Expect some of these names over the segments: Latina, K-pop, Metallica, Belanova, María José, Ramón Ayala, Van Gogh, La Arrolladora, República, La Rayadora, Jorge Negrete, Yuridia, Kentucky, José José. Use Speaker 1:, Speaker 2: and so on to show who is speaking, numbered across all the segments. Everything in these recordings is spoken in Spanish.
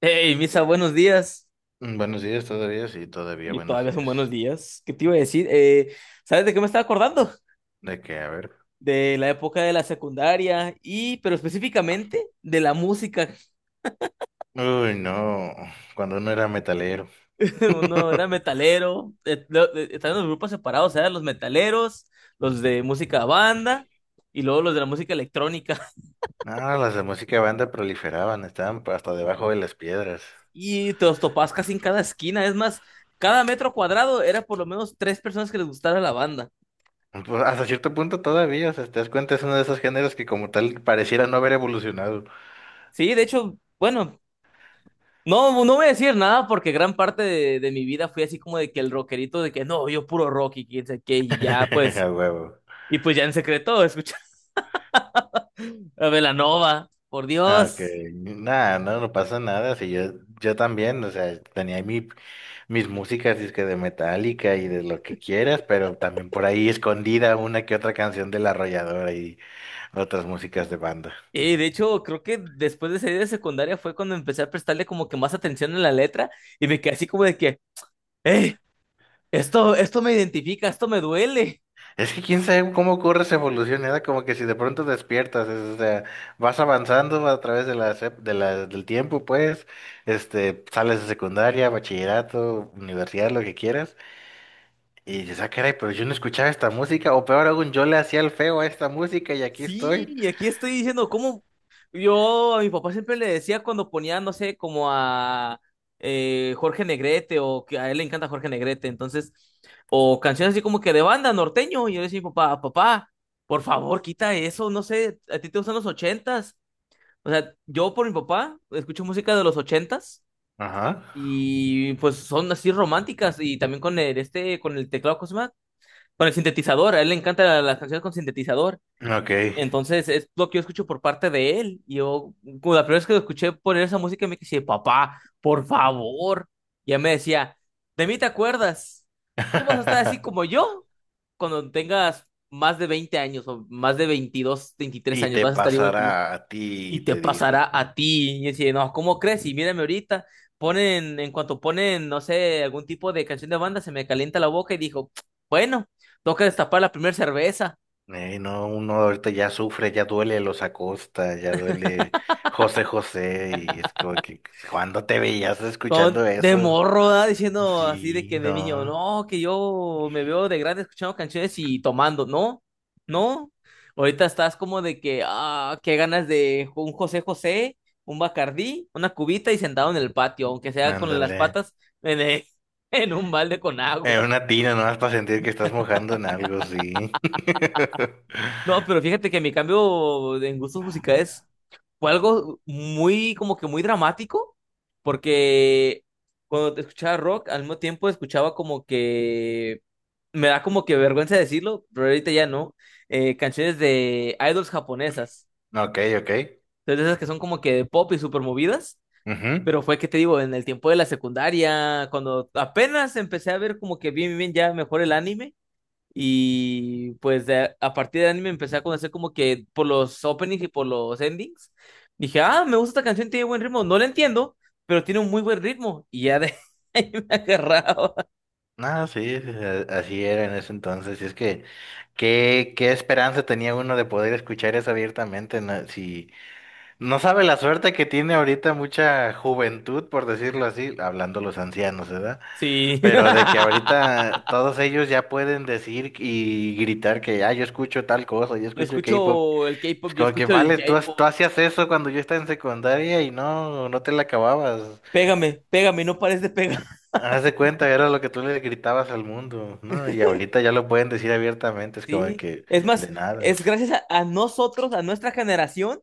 Speaker 1: Hey, Misa, buenos días.
Speaker 2: Buenos días todavía, sí, todavía
Speaker 1: Y
Speaker 2: buenos
Speaker 1: todavía son buenos
Speaker 2: días.
Speaker 1: días. ¿Qué te iba a decir? ¿Sabes de qué me estaba acordando?
Speaker 2: ¿De qué? A ver.
Speaker 1: De la época de la secundaria pero específicamente, de la música.
Speaker 2: Uy, no, cuando uno era metalero.
Speaker 1: Uno era metalero, estaban los grupos separados, eran los metaleros, los de música banda y luego los de la música electrónica.
Speaker 2: No, las de música banda proliferaban, estaban hasta debajo de las piedras.
Speaker 1: Y te los topabas casi en cada esquina. Es más, cada metro cuadrado era por lo menos tres personas que les gustara la banda.
Speaker 2: Pues, hasta cierto punto todavía, o sea, te das cuenta, es uno de esos géneros que como tal pareciera no haber evolucionado.
Speaker 1: Sí, de hecho, bueno, no, no voy a decir nada porque gran parte de mi vida fui así como de que el rockerito de que no, yo puro rock y quién sabe qué, y ya
Speaker 2: A
Speaker 1: pues,
Speaker 2: huevo.
Speaker 1: y pues ya en secreto escuchaba a Belanova, por
Speaker 2: Ah, ok,
Speaker 1: Dios.
Speaker 2: nada, no, no pasa nada, si yo, yo también, o sea, tenía mi, mis músicas, disque de Metallica y de lo que quieras, pero también por ahí escondida una que otra canción de La Arrolladora y otras músicas de banda.
Speaker 1: Y de hecho, creo que después de salir de secundaria fue cuando empecé a prestarle como que más atención a la letra y me quedé así como de que, hey, esto me identifica, esto me duele.
Speaker 2: Es que quién sabe cómo ocurre esa evolución, era como que si de pronto despiertas, o sea, vas avanzando a través de las ep- de la- del tiempo, pues, este, sales de secundaria, bachillerato, universidad, lo que quieras, y dices, ah, caray, pero yo no escuchaba esta música, o peor aún, yo le hacía el feo a esta música y aquí
Speaker 1: Sí,
Speaker 2: estoy.
Speaker 1: y aquí estoy diciendo cómo yo a mi papá siempre le decía cuando ponía, no sé, como a Jorge Negrete o que a él le encanta Jorge Negrete, entonces, o canciones así como que de banda norteño, y yo le decía a mi papá, papá, por favor, quita eso, no sé, a ti te gustan los ochentas. O sea, yo por mi papá escucho música de los ochentas
Speaker 2: Ajá.
Speaker 1: y pues son así románticas y también con el teclado, ¿cómo se llama? Con el sintetizador, a él le encanta las canciones con sintetizador.
Speaker 2: Ok.
Speaker 1: Entonces es lo que yo escucho por parte de él. Y yo, como la primera vez que lo escuché poner esa música, me dije, papá, por favor. Y él me decía, de mí te acuerdas, tú vas a estar así como yo cuando tengas más de 20 años o más de 22, 23
Speaker 2: Y
Speaker 1: años,
Speaker 2: te
Speaker 1: vas a estar igual que yo.
Speaker 2: pasará a ti,
Speaker 1: Y te
Speaker 2: te dijo.
Speaker 1: pasará a ti. Y yo decía, no, ¿cómo crees? Y mírame ahorita, en cuanto ponen, no sé, algún tipo de canción de banda, se me calienta la boca y dijo, bueno, toca destapar la primera cerveza.
Speaker 2: "Ey, no, uno ahorita ya sufre, ya duele los Acosta, ya duele José José, y es como que, ¿cuándo te veías escuchando
Speaker 1: De
Speaker 2: eso?
Speaker 1: morro, ¿verdad? Diciendo así de
Speaker 2: Sí,
Speaker 1: que de niño,
Speaker 2: no,
Speaker 1: no, que yo me veo de grande escuchando canciones y tomando, ¿no? ¿No? Ahorita estás como de que, ah, qué ganas de un José José, un Bacardí, una cubita y sentado en el patio, aunque sea con las
Speaker 2: ándale.
Speaker 1: patas en, el- en un balde con
Speaker 2: En
Speaker 1: agua.
Speaker 2: una tina nomás para sentir que estás mojando en algo, sí.
Speaker 1: No, pero fíjate que mi cambio en gustos musicales fue algo como que muy dramático, porque cuando escuchaba rock, al mismo tiempo escuchaba como que me da como que vergüenza decirlo, pero ahorita ya no, canciones de idols japonesas.
Speaker 2: Ok, ok.
Speaker 1: Entonces, esas que son como que de pop y súper movidas,
Speaker 2: Ujú.
Speaker 1: pero fue que te digo, en el tiempo de la secundaria, cuando apenas empecé a ver como que bien, bien, ya mejor el anime. Y pues a partir del anime empecé a conocer como que por los openings y por los endings. Dije, ah, me gusta esta canción, tiene buen ritmo. No la entiendo, pero tiene un muy buen ritmo. Y ya de ahí me agarraba.
Speaker 2: No, sí, sí, así era en ese entonces. Y es que, qué esperanza tenía uno de poder escuchar eso abiertamente, no? Si no sabe la suerte que tiene ahorita mucha juventud, por decirlo así, hablando los ancianos, ¿verdad?
Speaker 1: Sí.
Speaker 2: Pero de que ahorita todos ellos ya pueden decir y gritar que, ah, yo escucho tal cosa, yo
Speaker 1: Yo
Speaker 2: escucho K-pop.
Speaker 1: escucho el
Speaker 2: Es
Speaker 1: K-pop, yo
Speaker 2: como que,
Speaker 1: escucho el
Speaker 2: vale, tú,
Speaker 1: J-pop.
Speaker 2: tú hacías eso cuando yo estaba en secundaria y no, no te la acababas.
Speaker 1: Pégame, pégame, no pares de pegar.
Speaker 2: Haz de cuenta, era lo que tú le gritabas al mundo, ¿no? Y ahorita ya lo pueden decir abiertamente, es como
Speaker 1: Sí.
Speaker 2: que,
Speaker 1: Es más,
Speaker 2: de nada.
Speaker 1: es gracias a nosotros, a nuestra generación,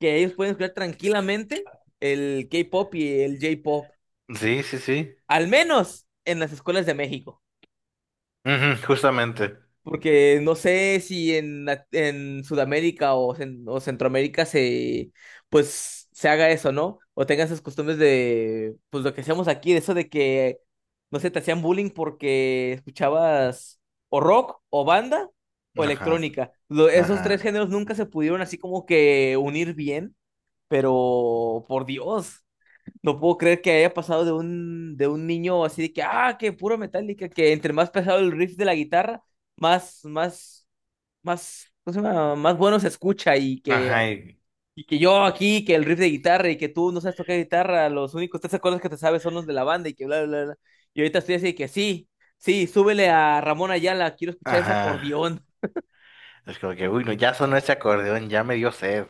Speaker 1: que ellos pueden escuchar tranquilamente el K-pop y el J-pop.
Speaker 2: Sí, sí, sí.
Speaker 1: Al menos en las escuelas de México.
Speaker 2: Ujú, justamente.
Speaker 1: Porque no sé si en Sudamérica o Centroamérica se pues se haga eso, ¿no? O tengan esas costumbres de pues lo que hacemos aquí, de eso de que no sé, te hacían bullying porque escuchabas o rock o banda o
Speaker 2: Ajá,
Speaker 1: electrónica. Esos tres
Speaker 2: ajá.
Speaker 1: géneros nunca se pudieron así como que unir bien, pero por Dios. No puedo creer que haya pasado de un niño así de que, ah, que puro Metallica, que entre más pesado el riff de la guitarra, más, más, más, ¿cómo se llama? Más bueno se escucha y que,
Speaker 2: Ajá, y-
Speaker 1: yo aquí, que el riff de guitarra y que tú no sabes tocar guitarra, los únicos tres acordes que te sabes son los de la banda y que bla, bla, bla, bla. Y ahorita estoy así de que sí, sí, súbele a Ramón Ayala, quiero escuchar ese
Speaker 2: Ajá.
Speaker 1: acordeón.
Speaker 2: Es como que, uy, no, ya sonó ese acordeón, ya me dio sed.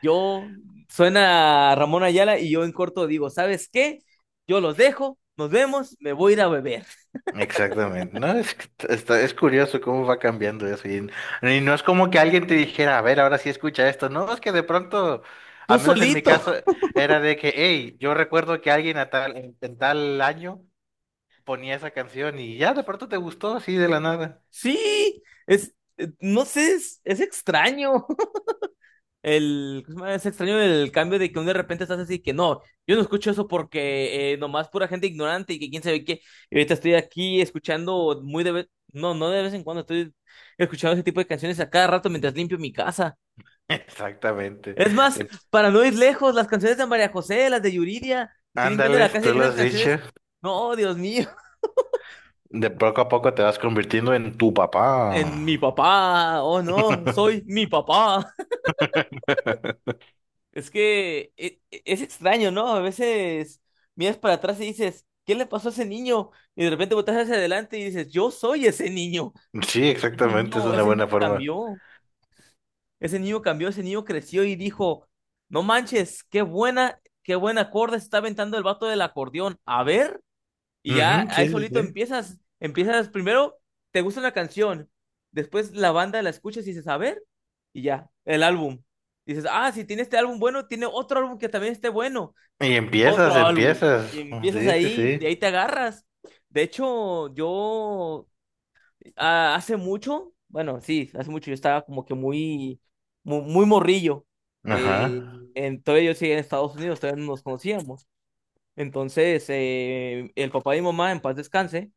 Speaker 1: Yo, suena Ramón Ayala y yo en corto digo, ¿sabes qué? Yo los dejo, nos vemos, me voy a ir a beber.
Speaker 2: Exactamente. No, es, está, es curioso cómo va cambiando eso. Y no es como que alguien te dijera, a ver, ahora sí escucha esto. No, es que de pronto,
Speaker 1: Tú
Speaker 2: al menos en mi caso,
Speaker 1: solito.
Speaker 2: era de que, hey, yo recuerdo que alguien a tal, en tal año ponía esa canción y ya de pronto te gustó así de la nada.
Speaker 1: Sí, no sé, es extraño. ¿Cómo se llama? Es extraño el cambio de que de repente estás así que no, yo no escucho eso porque nomás pura gente ignorante y que quién sabe qué. Y ahorita estoy aquí escuchando no, no de vez en cuando, estoy escuchando ese tipo de canciones a cada rato mientras limpio mi casa.
Speaker 2: Exactamente.
Speaker 1: Es más,
Speaker 2: Te-
Speaker 1: para no ir lejos, las canciones de María José, las de Yuridia, estoy limpiando la
Speaker 2: Ándales,
Speaker 1: casa y
Speaker 2: tú lo
Speaker 1: esas
Speaker 2: has
Speaker 1: canciones,
Speaker 2: dicho.
Speaker 1: no, Dios mío,
Speaker 2: De poco a poco te vas convirtiendo en tu papá.
Speaker 1: en mi papá, oh no, soy mi papá. Es que es extraño, ¿no? A veces miras para atrás y dices, ¿qué le pasó a ese niño? Y de repente volteas hacia adelante y dices, yo soy ese niño.
Speaker 2: Sí, exactamente, es una
Speaker 1: Ese
Speaker 2: buena
Speaker 1: niño
Speaker 2: forma.
Speaker 1: cambió. Ese niño cambió, ese niño creció y dijo, no manches, qué buen acorde se está aventando el vato del acordeón. A ver, y ya
Speaker 2: Ujú,
Speaker 1: ahí
Speaker 2: sí, sí,
Speaker 1: solito
Speaker 2: sí.
Speaker 1: empiezas primero, te gusta una canción, después la banda la escuchas y dices, a ver, y ya, el álbum. Dices, ah, si tiene este álbum bueno, tiene otro álbum que también esté bueno
Speaker 2: Y empiezas,
Speaker 1: otro álbum. Y
Speaker 2: empiezas. Oh,
Speaker 1: empiezas
Speaker 2: sí, sí,
Speaker 1: ahí, de
Speaker 2: sí.
Speaker 1: ahí te agarras. De hecho, yo hace mucho, bueno, sí, hace mucho yo estaba como que muy, morrillo.
Speaker 2: Ajá.
Speaker 1: Eh, todavía yo seguía en Estados Unidos, todavía no nos conocíamos. Entonces, el papá de mi mamá, en paz descanse,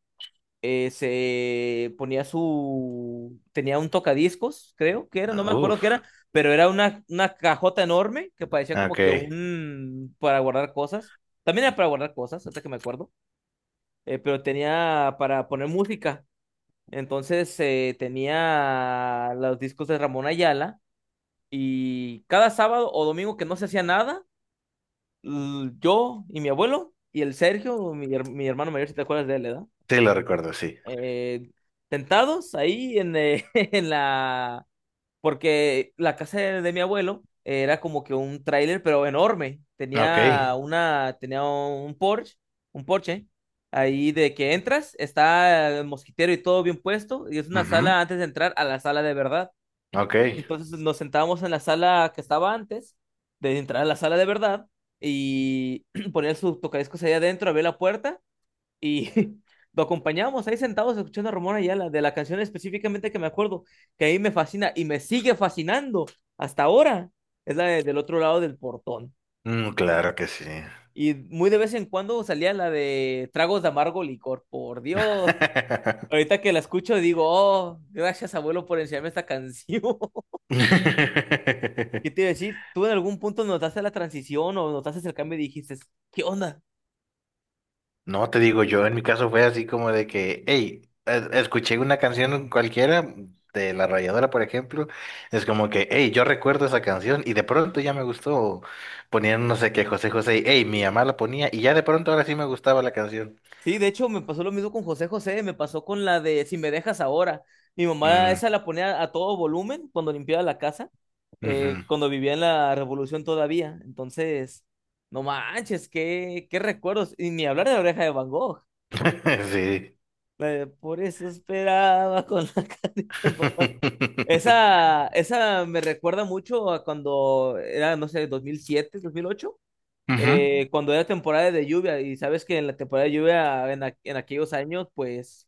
Speaker 1: tenía un tocadiscos, creo que era, no
Speaker 2: Ah,
Speaker 1: me acuerdo qué era,
Speaker 2: uf.
Speaker 1: pero era una cajota enorme que parecía como que
Speaker 2: Ok.
Speaker 1: para guardar cosas, también era para guardar cosas, hasta que me acuerdo, pero tenía para poner música, entonces tenía los discos de Ramón Ayala y cada sábado o domingo que no se hacía nada, yo y mi abuelo y el Sergio, mi hermano mayor, si te acuerdas de él, ¿verdad?
Speaker 2: Sí, lo recuerdo, sí.
Speaker 1: eh, tentados ahí en la... Porque la casa de mi abuelo era como que un tráiler, pero enorme.
Speaker 2: Ok.
Speaker 1: Tenía tenía un Porsche, un Porsche. Ahí de que entras, está el mosquitero y todo bien puesto, y es una
Speaker 2: Ujú,
Speaker 1: sala antes de entrar a la sala de verdad.
Speaker 2: ok.
Speaker 1: Entonces nos sentábamos en la sala que estaba antes de entrar a la sala de verdad y ponía sus tocadiscos ahí adentro, abría la puerta y lo acompañábamos ahí sentados escuchando a Ramón Ayala de la canción específicamente que me acuerdo, que ahí me fascina y me sigue fascinando hasta ahora. Es la del otro lado del portón.
Speaker 2: Mm, claro que sí.
Speaker 1: Y muy de vez en cuando salía la de tragos de amargo licor, por Dios. Ahorita que la escucho digo, oh, gracias abuelo por enseñarme esta canción. ¿Qué te iba a decir? ¿Tú en algún punto notaste la transición o notaste el cambio y dijiste, ¿qué onda?
Speaker 2: No, te digo, yo en mi caso fue así como de que, hey, escuché una canción cualquiera de La Rayadora, por ejemplo, es como que, hey, yo recuerdo esa canción y de pronto ya me gustó, ponían no sé qué, José José, y, hey, mi mamá la ponía y ya de pronto ahora sí me gustaba la canción.
Speaker 1: Sí, de hecho me pasó lo mismo con José José, me pasó con la de Si me dejas ahora. Mi mamá
Speaker 2: Mm,
Speaker 1: esa la ponía a todo volumen cuando limpiaba la casa,
Speaker 2: ujú.
Speaker 1: cuando vivía en la Revolución todavía. Entonces, no manches, qué recuerdos. Y ni hablar de la oreja de Van Gogh.
Speaker 2: Sí.
Speaker 1: La de, por eso esperaba con la carita en papá. Esa me recuerda mucho a cuando era, no sé, 2007, 2008 cuando era temporada de lluvia, y sabes que en la temporada de lluvia en aquellos años, pues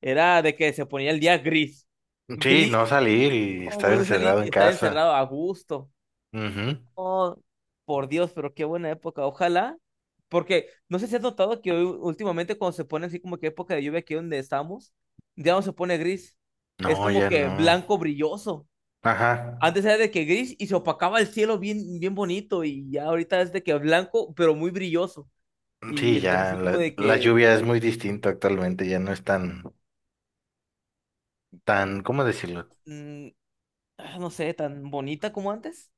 Speaker 1: era de que se ponía el día gris.
Speaker 2: Ujú. Sí, no
Speaker 1: Gris,
Speaker 2: salir y
Speaker 1: oh,
Speaker 2: estar
Speaker 1: muy, muy salir
Speaker 2: encerrado
Speaker 1: y
Speaker 2: en
Speaker 1: estar encerrado
Speaker 2: casa.
Speaker 1: a gusto.
Speaker 2: Ujú.
Speaker 1: Oh, por Dios, pero qué buena época. Ojalá. Porque no sé si has notado que hoy, últimamente cuando se pone así como que época de lluvia aquí donde estamos, ya no se pone gris. Es
Speaker 2: No,
Speaker 1: como
Speaker 2: ya
Speaker 1: que
Speaker 2: no.
Speaker 1: blanco brilloso.
Speaker 2: Ajá.
Speaker 1: Antes era de que gris y se opacaba el cielo bien, bien bonito y ya ahorita es de que blanco, pero muy brilloso. Y
Speaker 2: Sí,
Speaker 1: estás
Speaker 2: ya
Speaker 1: así como
Speaker 2: la,
Speaker 1: de
Speaker 2: la
Speaker 1: que,
Speaker 2: lluvia es muy distinta actualmente, ya no es tan, tan, ¿cómo decirlo?
Speaker 1: mm, no sé, tan bonita como antes.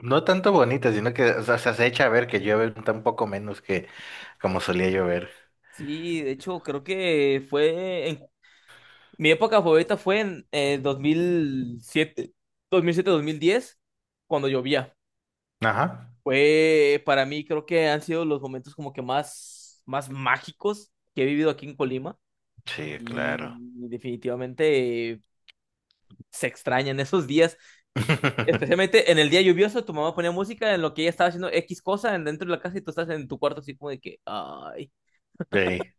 Speaker 2: No tanto bonita, sino que o sea, se echa a ver que llueve un poco menos que como solía llover.
Speaker 1: Sí, de hecho, creo que fue en mi época favorita fue en dos mil siete, 2010 cuando llovía.
Speaker 2: Ajá.
Speaker 1: Fue para mí creo que han sido los momentos como que más más mágicos que he vivido aquí en Colima
Speaker 2: Sí,
Speaker 1: y
Speaker 2: claro.
Speaker 1: definitivamente se extrañan esos días, especialmente en el día lluvioso, tu mamá ponía música en lo que ella estaba haciendo X cosa dentro de la casa y tú estás en tu cuarto así como de que ay.
Speaker 2: Ey,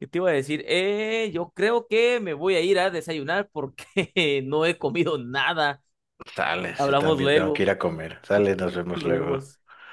Speaker 1: ¿Qué te iba a decir? Yo creo que me voy a ir a desayunar porque no he comido nada.
Speaker 2: sales, yo
Speaker 1: Hablamos
Speaker 2: también tengo que
Speaker 1: luego.
Speaker 2: ir a comer. Sales, nos vemos
Speaker 1: Nos
Speaker 2: luego.
Speaker 1: vemos.